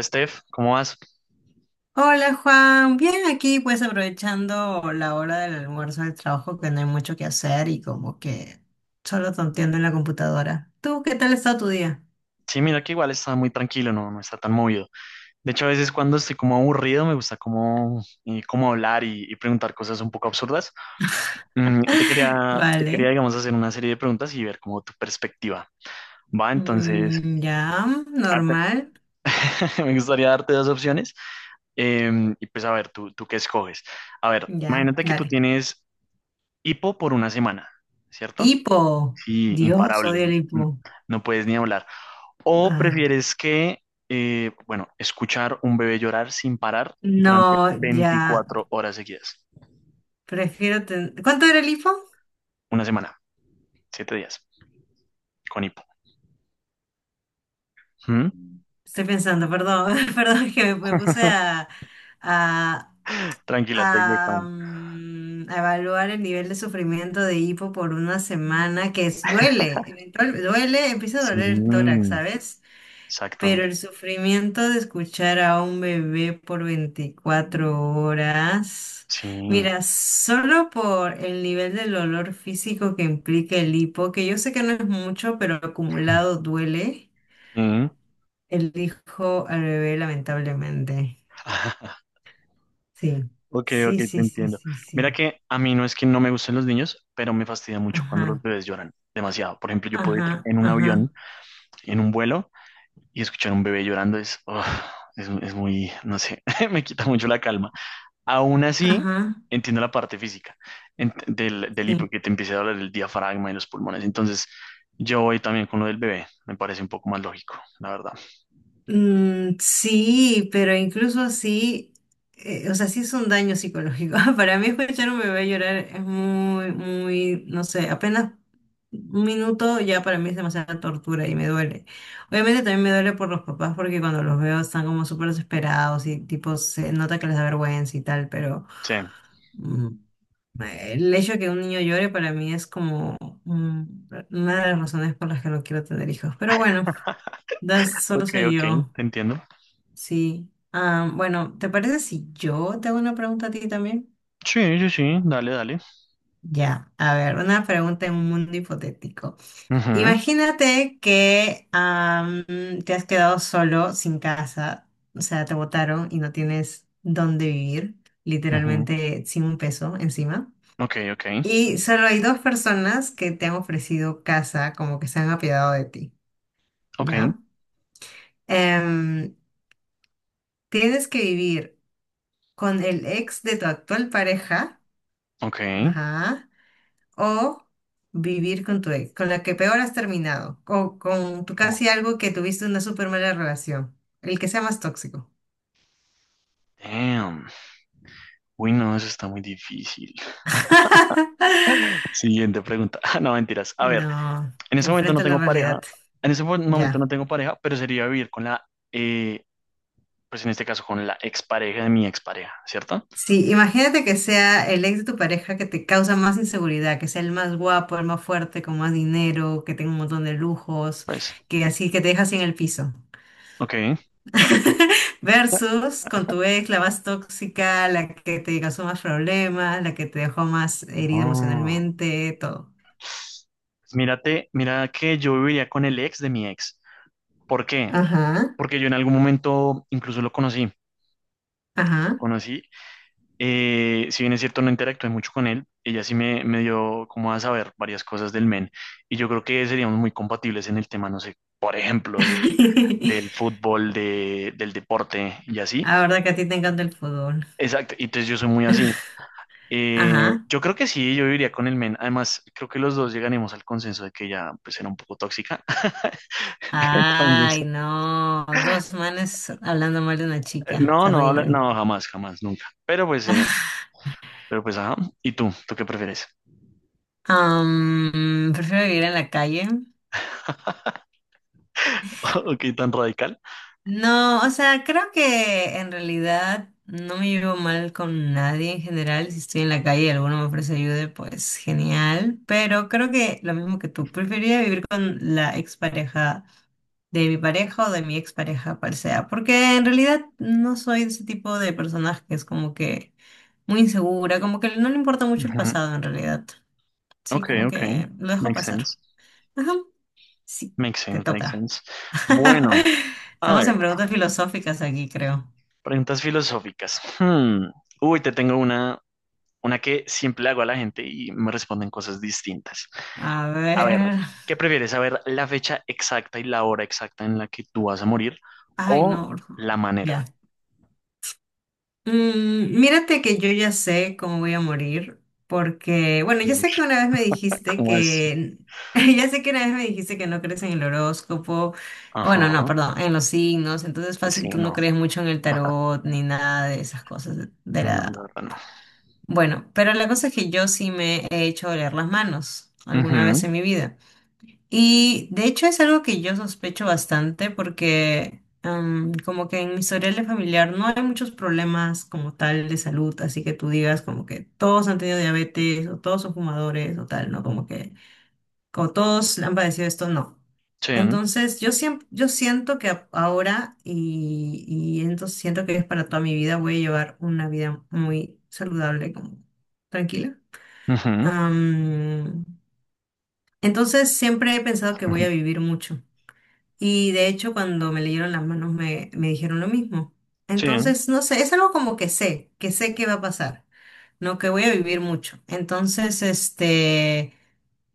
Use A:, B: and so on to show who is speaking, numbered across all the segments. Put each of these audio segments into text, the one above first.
A: Steph, ¿cómo vas?
B: Hola Juan, bien aquí pues aprovechando la hora del almuerzo del trabajo que no hay mucho que hacer y como que solo tonteando en la computadora. ¿Tú qué tal ha estado tu día?
A: Sí, mira que igual está muy tranquilo, no, no está tan movido. De hecho, a veces cuando estoy como aburrido me gusta como, como hablar y preguntar cosas un poco absurdas. Te quería, te quería,
B: Vale.
A: digamos, hacer una serie de preguntas y ver como tu perspectiva. Va, entonces,
B: Mm, ya,
A: arte-
B: normal.
A: me gustaría darte dos opciones y pues a ver, tú qué escoges. A ver,
B: Ya,
A: imagínate que tú
B: dale.
A: tienes hipo por una semana, ¿cierto?
B: Hipo.
A: Sí,
B: Dios, odio
A: imparable,
B: el hipo.
A: no puedes ni hablar. ¿O
B: Ay,
A: prefieres que, bueno, escuchar un bebé llorar sin parar durante
B: no, ya.
A: 24 horas seguidas?
B: ¿Cuánto era el hipo?
A: Una semana, 7 días, con hipo. ¿Mm?
B: Estoy pensando, perdón. Perdón, es que me puse a,
A: Tranquila, take your
B: a,
A: time.
B: mm, a evaluar el nivel de sufrimiento de hipo por una semana, que es, duele, duele, empieza a
A: Sí,
B: doler el tórax, ¿sabes?
A: exacto.
B: Pero el sufrimiento de escuchar a un bebé por 24 horas,
A: Sí.
B: mira, solo por el nivel del dolor físico que implica el hipo, que yo sé que no es mucho, pero acumulado duele,
A: Mm.
B: el hijo al bebé lamentablemente. Sí,
A: Ok, ok,
B: sí,
A: te
B: sí, sí,
A: entiendo.
B: sí,
A: Mira
B: sí.
A: que a mí no es que no me gusten los niños, pero me fastidia mucho cuando los
B: Ajá.
A: bebés lloran demasiado. Por ejemplo, yo puedo ir
B: Ajá,
A: en un avión,
B: ajá,
A: en un vuelo, y escuchar un bebé llorando es, ugh, es muy, no sé, me quita mucho la calma. Aún así,
B: ajá,
A: entiendo la parte física del hipo,
B: sí.
A: que te empiece a hablar el diafragma y los pulmones. Entonces, yo voy también con lo del bebé. Me parece un poco más lógico, la verdad.
B: Mm, sí, pero incluso así, o sea, sí es un daño psicológico. Para mí escuchar un bebé llorar es muy, muy, no sé, apenas un minuto ya para mí es demasiada tortura y me duele. Obviamente también me duele por los papás porque cuando los veo están como súper desesperados y tipo se nota que les da vergüenza y tal, pero...
A: Sí.
B: Mm, El hecho de que un niño llore para mí es como mm, una de las razones por las que no quiero tener hijos. Pero bueno, das, solo
A: Ok,
B: soy
A: ok,
B: yo.
A: te entiendo.
B: Sí. Ah, bueno, ¿te parece si yo te hago una pregunta a ti también?
A: Sí, sí, sí, dale.
B: Ya, a ver, una pregunta en un mundo hipotético.
A: Ujú,
B: Imagínate que te has quedado solo, sin casa, o sea, te botaron y no tienes dónde vivir,
A: ujú.
B: literalmente sin un peso encima.
A: Ok, ok,
B: Y solo hay dos personas que te han ofrecido casa, como que se han apiadado de ti,
A: ok,
B: ¿ya? Em, tienes que vivir con el ex de tu actual pareja,
A: ok.
B: ajá, o vivir con tu ex, con la que peor has terminado, o con tu
A: Oh,
B: casi algo que tuviste una súper mala relación, el que sea más tóxico.
A: damn. Uy, no, eso está muy difícil. Siguiente pregunta. Ah, no, mentiras. A ver,
B: No,
A: en ese momento no
B: enfrenta la
A: tengo pareja.
B: realidad,
A: En ese momento no
B: ya.
A: tengo pareja, pero sería vivir con la eh, pues en este caso con la expareja de mi expareja, ¿cierto?
B: Sí, imagínate que sea el ex de tu pareja que te causa más inseguridad, que sea el más guapo, el más fuerte, con más dinero, que tenga un montón de lujos,
A: Pues,
B: que así que te deja así en el piso.
A: ok.
B: Versus con tu ex, la más tóxica, la que te causó más problemas, la que te dejó más herida
A: No.
B: emocionalmente, todo.
A: Pues mírate, mira que yo viviría con el ex de mi ex. ¿Por qué?
B: Ajá,
A: Porque yo en algún momento incluso lo conocí. Lo
B: ajá.
A: conocí. Si bien es cierto, no interactué mucho con él. Ella sí me dio como a saber varias cosas del men. Y yo creo que seríamos muy compatibles en el tema, no sé, por ejemplo, del fútbol, del deporte y así.
B: La verdad que a ti te encanta el fútbol.
A: Exacto. Y entonces yo soy muy así.
B: Ajá.
A: Yo creo que sí, yo iría con el men. Además, creo que los dos llegaremos al consenso de que ella pues era un poco tóxica. Entonces,
B: Ay, no. Dos manes hablando mal de una chica.
A: No,
B: Terrible.
A: no, jamás, jamás, nunca. Pero pues, ajá. ¿Y tú? ¿Tú qué prefieres?
B: Prefiero vivir en la calle.
A: Ok, tan radical.
B: No, o sea, creo que en realidad no me llevo mal con nadie en general. Si estoy en la calle y alguno me ofrece ayuda, pues genial. Pero creo que lo mismo que tú, preferiría vivir con la expareja de mi pareja o de mi expareja, cual sea. Porque en realidad no soy de ese tipo de personas que es como que muy insegura, como que no le importa mucho el
A: Ujú.
B: pasado en realidad. Sí,
A: Ok,
B: como
A: ok.
B: que lo dejo
A: Makes
B: pasar.
A: sense.
B: Ajá, sí,
A: Makes
B: te
A: sense, makes
B: toca.
A: sense. Bueno, a
B: Estamos
A: ver,
B: en preguntas filosóficas aquí, creo.
A: preguntas filosóficas. Hmm. Uy, te tengo una que siempre le hago a la gente y me responden cosas distintas.
B: A
A: A ver,
B: ver.
A: ¿qué prefieres? ¿Saber la fecha exacta y la hora exacta en la que tú vas a morir
B: Ay, no,
A: o
B: bro.
A: la
B: Ya.
A: manera?
B: Mírate que yo ya sé cómo voy a morir, porque, bueno, ya
A: Uy,
B: sé que una vez me dijiste
A: ¿cómo así?
B: que, ya sé que una vez me dijiste que no crees en el horóscopo,
A: Ajá,
B: bueno, no, perdón, en los signos, entonces fácil,
A: sí,
B: tú no
A: no,
B: crees mucho en el tarot ni nada de esas cosas de
A: no, la
B: la...
A: verdad no.
B: Bueno, pero la cosa es que yo sí me he hecho oler las manos alguna vez
A: Ujú,
B: en mi vida. Y de hecho es algo que yo sospecho bastante porque como que en mi historial de familiar no hay muchos problemas como tal de salud, así que tú digas como que todos han tenido diabetes o todos son fumadores o tal, ¿no? Como que como todos han padecido esto, no.
A: sí,
B: Entonces yo siempre, yo siento que ahora y entonces siento que es para toda mi vida voy a llevar una vida muy saludable, como tranquila.
A: ujú,
B: Am, entonces siempre he pensado que voy a
A: ujú,
B: vivir mucho. Y de hecho, cuando me leyeron las manos me dijeron lo mismo.
A: sí,
B: Entonces, no sé, es algo como que que sé que va a pasar, no que voy a vivir mucho. Entonces, este,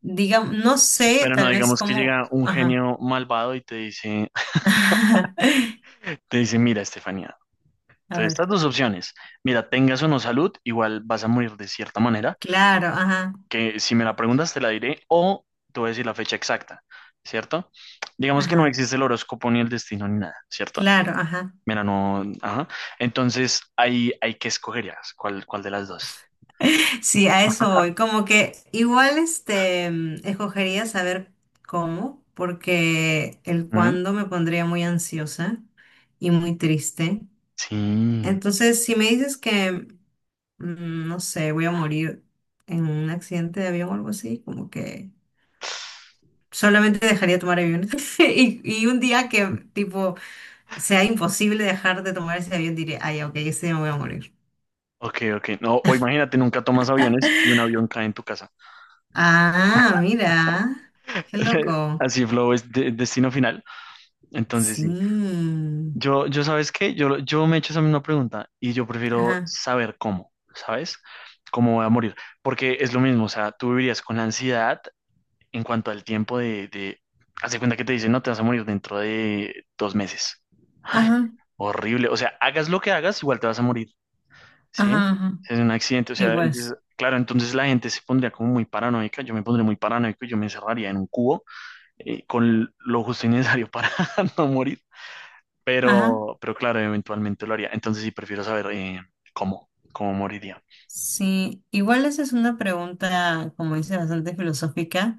B: digamos, no sé
A: pero no
B: tal vez
A: digamos que
B: cómo,
A: llega un
B: ajá.
A: genio malvado y te dice, te dice, mira, Estefanía,
B: A
A: entonces
B: ver,
A: estas dos opciones, mira, tengas o no salud, igual vas a morir de cierta manera,
B: claro, ajá,
A: que si me la preguntas te la diré o te voy a decir la fecha exacta, ¿cierto? Digamos que no
B: ajá,
A: existe el horóscopo ni el destino ni nada, ¿cierto?
B: claro, ajá.
A: Mira, no, ajá. Entonces, ahí hay que escogerías cuál, cuál de las dos.
B: Sí, a eso voy. Como que igual este escogería saber cómo, porque el
A: ¿Mm?
B: cuándo me pondría muy ansiosa y muy triste.
A: Sí.
B: Entonces, si me dices que, no sé, voy a morir en un accidente de avión o algo así, como que solamente dejaría de tomar aviones. Y un día que, tipo, sea imposible dejar de tomar ese avión, diré, ay, ok, ese día me voy a morir.
A: Ok, ok. No, o imagínate, nunca tomas aviones y un avión cae en tu casa.
B: Ah, mira, qué loco.
A: Así flow es destino final. Entonces,
B: Sí.
A: sí. ¿Sabes qué? Yo me he hecho esa misma pregunta y yo prefiero
B: Ajá,
A: saber cómo, ¿sabes? Cómo voy a morir. Porque es lo mismo, o sea, tú vivirías con la ansiedad en cuanto al tiempo de... Haz de cuenta que te dicen, no, te vas a morir dentro de 2 meses.
B: ajá,
A: Horrible. O sea, hagas lo que hagas, igual te vas a morir, ¿sí?
B: ajá, ajá.
A: Es un accidente, o
B: Y
A: sea, entonces,
B: pues,
A: claro, entonces la gente se pondría como muy paranoica, yo me pondría muy paranoico, y yo me encerraría en un cubo con lo justo y necesario para no morir.
B: ajá.
A: Pero claro, eventualmente lo haría. Entonces sí, prefiero saber cómo, cómo moriría.
B: Sí, igual esa es una pregunta, como dice, bastante filosófica.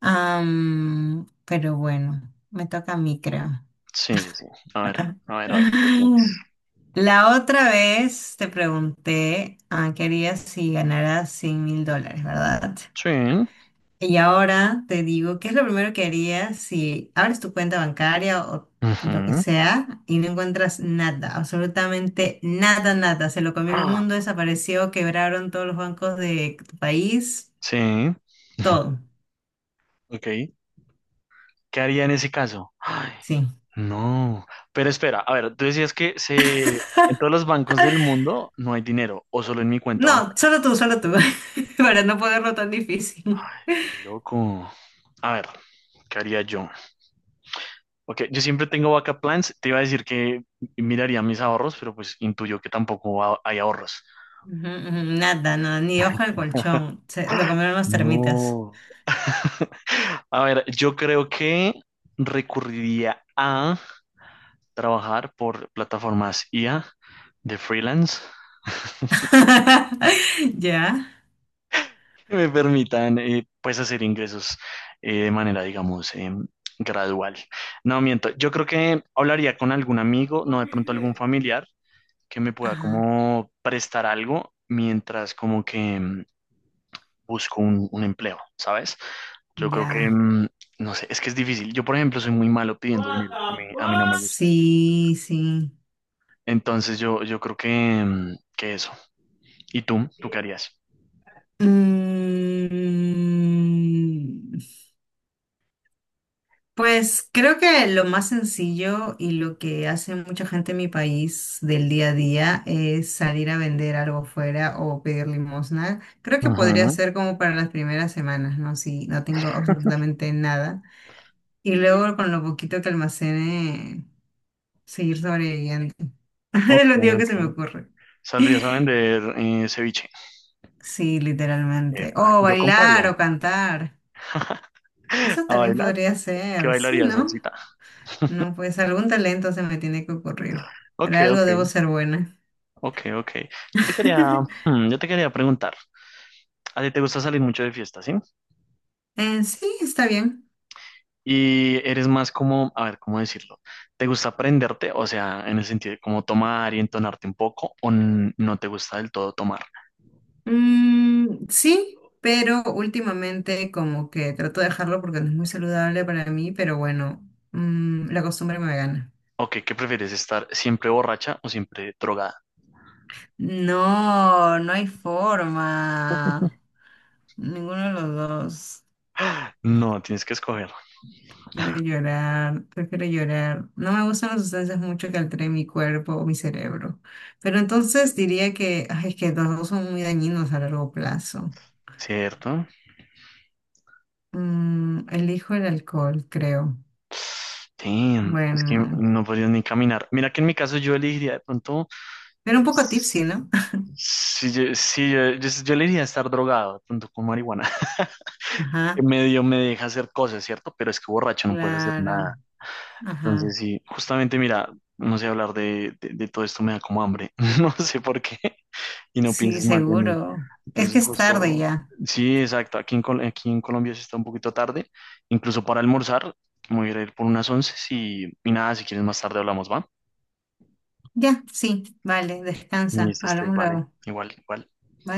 B: Pero bueno, me toca a mí, creo.
A: Sí, sí, sí. A ver, a ver, a ver, ¿qué tienes?
B: La otra vez te pregunté qué harías si ganaras 100 mil dólares, ¿verdad?
A: Sí.
B: Y ahora te digo, ¿qué es lo primero que harías si abres tu cuenta bancaria o lo que
A: Ujú.
B: sea y no encuentras nada, absolutamente nada, nada? Se lo comió el
A: Ah,
B: mundo, desapareció, quebraron todos los bancos de tu país,
A: sí.
B: todo.
A: Ok. ¿Qué haría en ese caso? Ay,
B: Sí.
A: no. Pero espera, a ver, tú decías que se... en todos los bancos del mundo no hay dinero, o solo en mi cuenta
B: No,
A: bancaria.
B: solo tú, para no ponerlo tan difícil.
A: Qué loco. A ver, ¿qué haría yo? Ok, yo siempre tengo backup plans. Te iba a decir que miraría mis ahorros, pero pues intuyo que tampoco hay ahorros.
B: Ujú, ujú, nada, no, ni ojo de colchón, lo comieron las termitas.
A: No. A ver, yo creo que recurriría a trabajar por plataformas I a de freelance
B: ¿Ya?
A: que me permitan pues hacer ingresos de manera, digamos, gradual. No, miento, yo creo que hablaría con algún amigo, no de pronto algún familiar que me pueda
B: Ajá,
A: como prestar algo mientras como que... busco un empleo, ¿sabes? Yo creo que,
B: ya.
A: mm, no sé, es que es difícil. Yo, por ejemplo, soy muy malo pidiendo
B: What
A: dinero.
B: the
A: A mí no me
B: fuck?
A: gusta.
B: Sí, sí.
A: Entonces, yo creo que, mm, que eso. ¿Y tú? ¿Tú qué harías?
B: Mm, Pues creo que lo más sencillo y lo que hace mucha gente en mi país del día a día es salir a vender algo fuera o pedir limosna. Creo que podría
A: Ujú,
B: ser como para las primeras semanas, ¿no? Si no tengo absolutamente nada. Y luego con lo poquito que almacene, seguir sobreviviendo. Es
A: ok,
B: lo único que se me
A: ok.
B: ocurre.
A: ¿Saldrías a vender ceviche?
B: Sí, literalmente.
A: Epa,
B: O
A: yo
B: bailar
A: compraría.
B: o cantar. Eso
A: ¿A
B: también
A: bailar?
B: podría
A: ¿Qué
B: ser, sí,
A: bailarías,
B: ¿no?
A: salsita?
B: No, pues algún talento se me tiene que ocurrir. Pero
A: Ok,
B: algo
A: ok,
B: debo ser buena.
A: ok, ok. Yo te quería, hmm, yo te quería preguntar. ¿A ti te gusta salir mucho de fiesta, sí?
B: Sí, está bien.
A: Y eres más como, a ver, ¿cómo decirlo? ¿Te gusta aprenderte? O sea, en el sentido de como tomar y entonarte un poco, o no te gusta del todo tomar.
B: Mm, sí, pero últimamente como que trato de dejarlo porque no es muy saludable para mí, pero bueno, la costumbre me gana.
A: Ok, ¿qué prefieres? ¿Estar siempre borracha o siempre drogada?
B: No, no hay forma. Ninguno de los dos.
A: No, tienes que escoger,
B: Prefiero llorar, prefiero llorar. No me gustan las sustancias mucho que alteren mi cuerpo o mi cerebro. Pero entonces diría que, ay, es que los dos son muy dañinos a largo plazo.
A: ¿cierto?
B: Elijo el alcohol, creo.
A: Sí, es que
B: Bueno,
A: no podrías ni caminar. Mira que en mi caso yo elegiría de pronto,
B: pero un poco tipsy, ¿no?
A: si yo, sí, yo elegiría estar drogado, de pronto con marihuana.
B: Ajá,
A: En medio me deja hacer cosas, ¿cierto? Pero es que borracho no puedes hacer
B: claro.
A: nada.
B: Ajá,
A: Entonces, sí, justamente mira, no sé hablar de todo esto, me da como hambre, no sé por qué, y no
B: sí,
A: pienses mal de mí.
B: seguro. Es que
A: Entonces,
B: es tarde
A: justo,
B: ya.
A: sí, exacto, aquí en Colombia se está un poquito tarde, incluso para almorzar, me voy a ir por unas once y nada, si quieres más tarde hablamos, ¿va?
B: Ya, sí, vale,
A: Y
B: descansa.
A: esto este,
B: Hablamos
A: vale,
B: luego.
A: igual, igual.
B: Bye.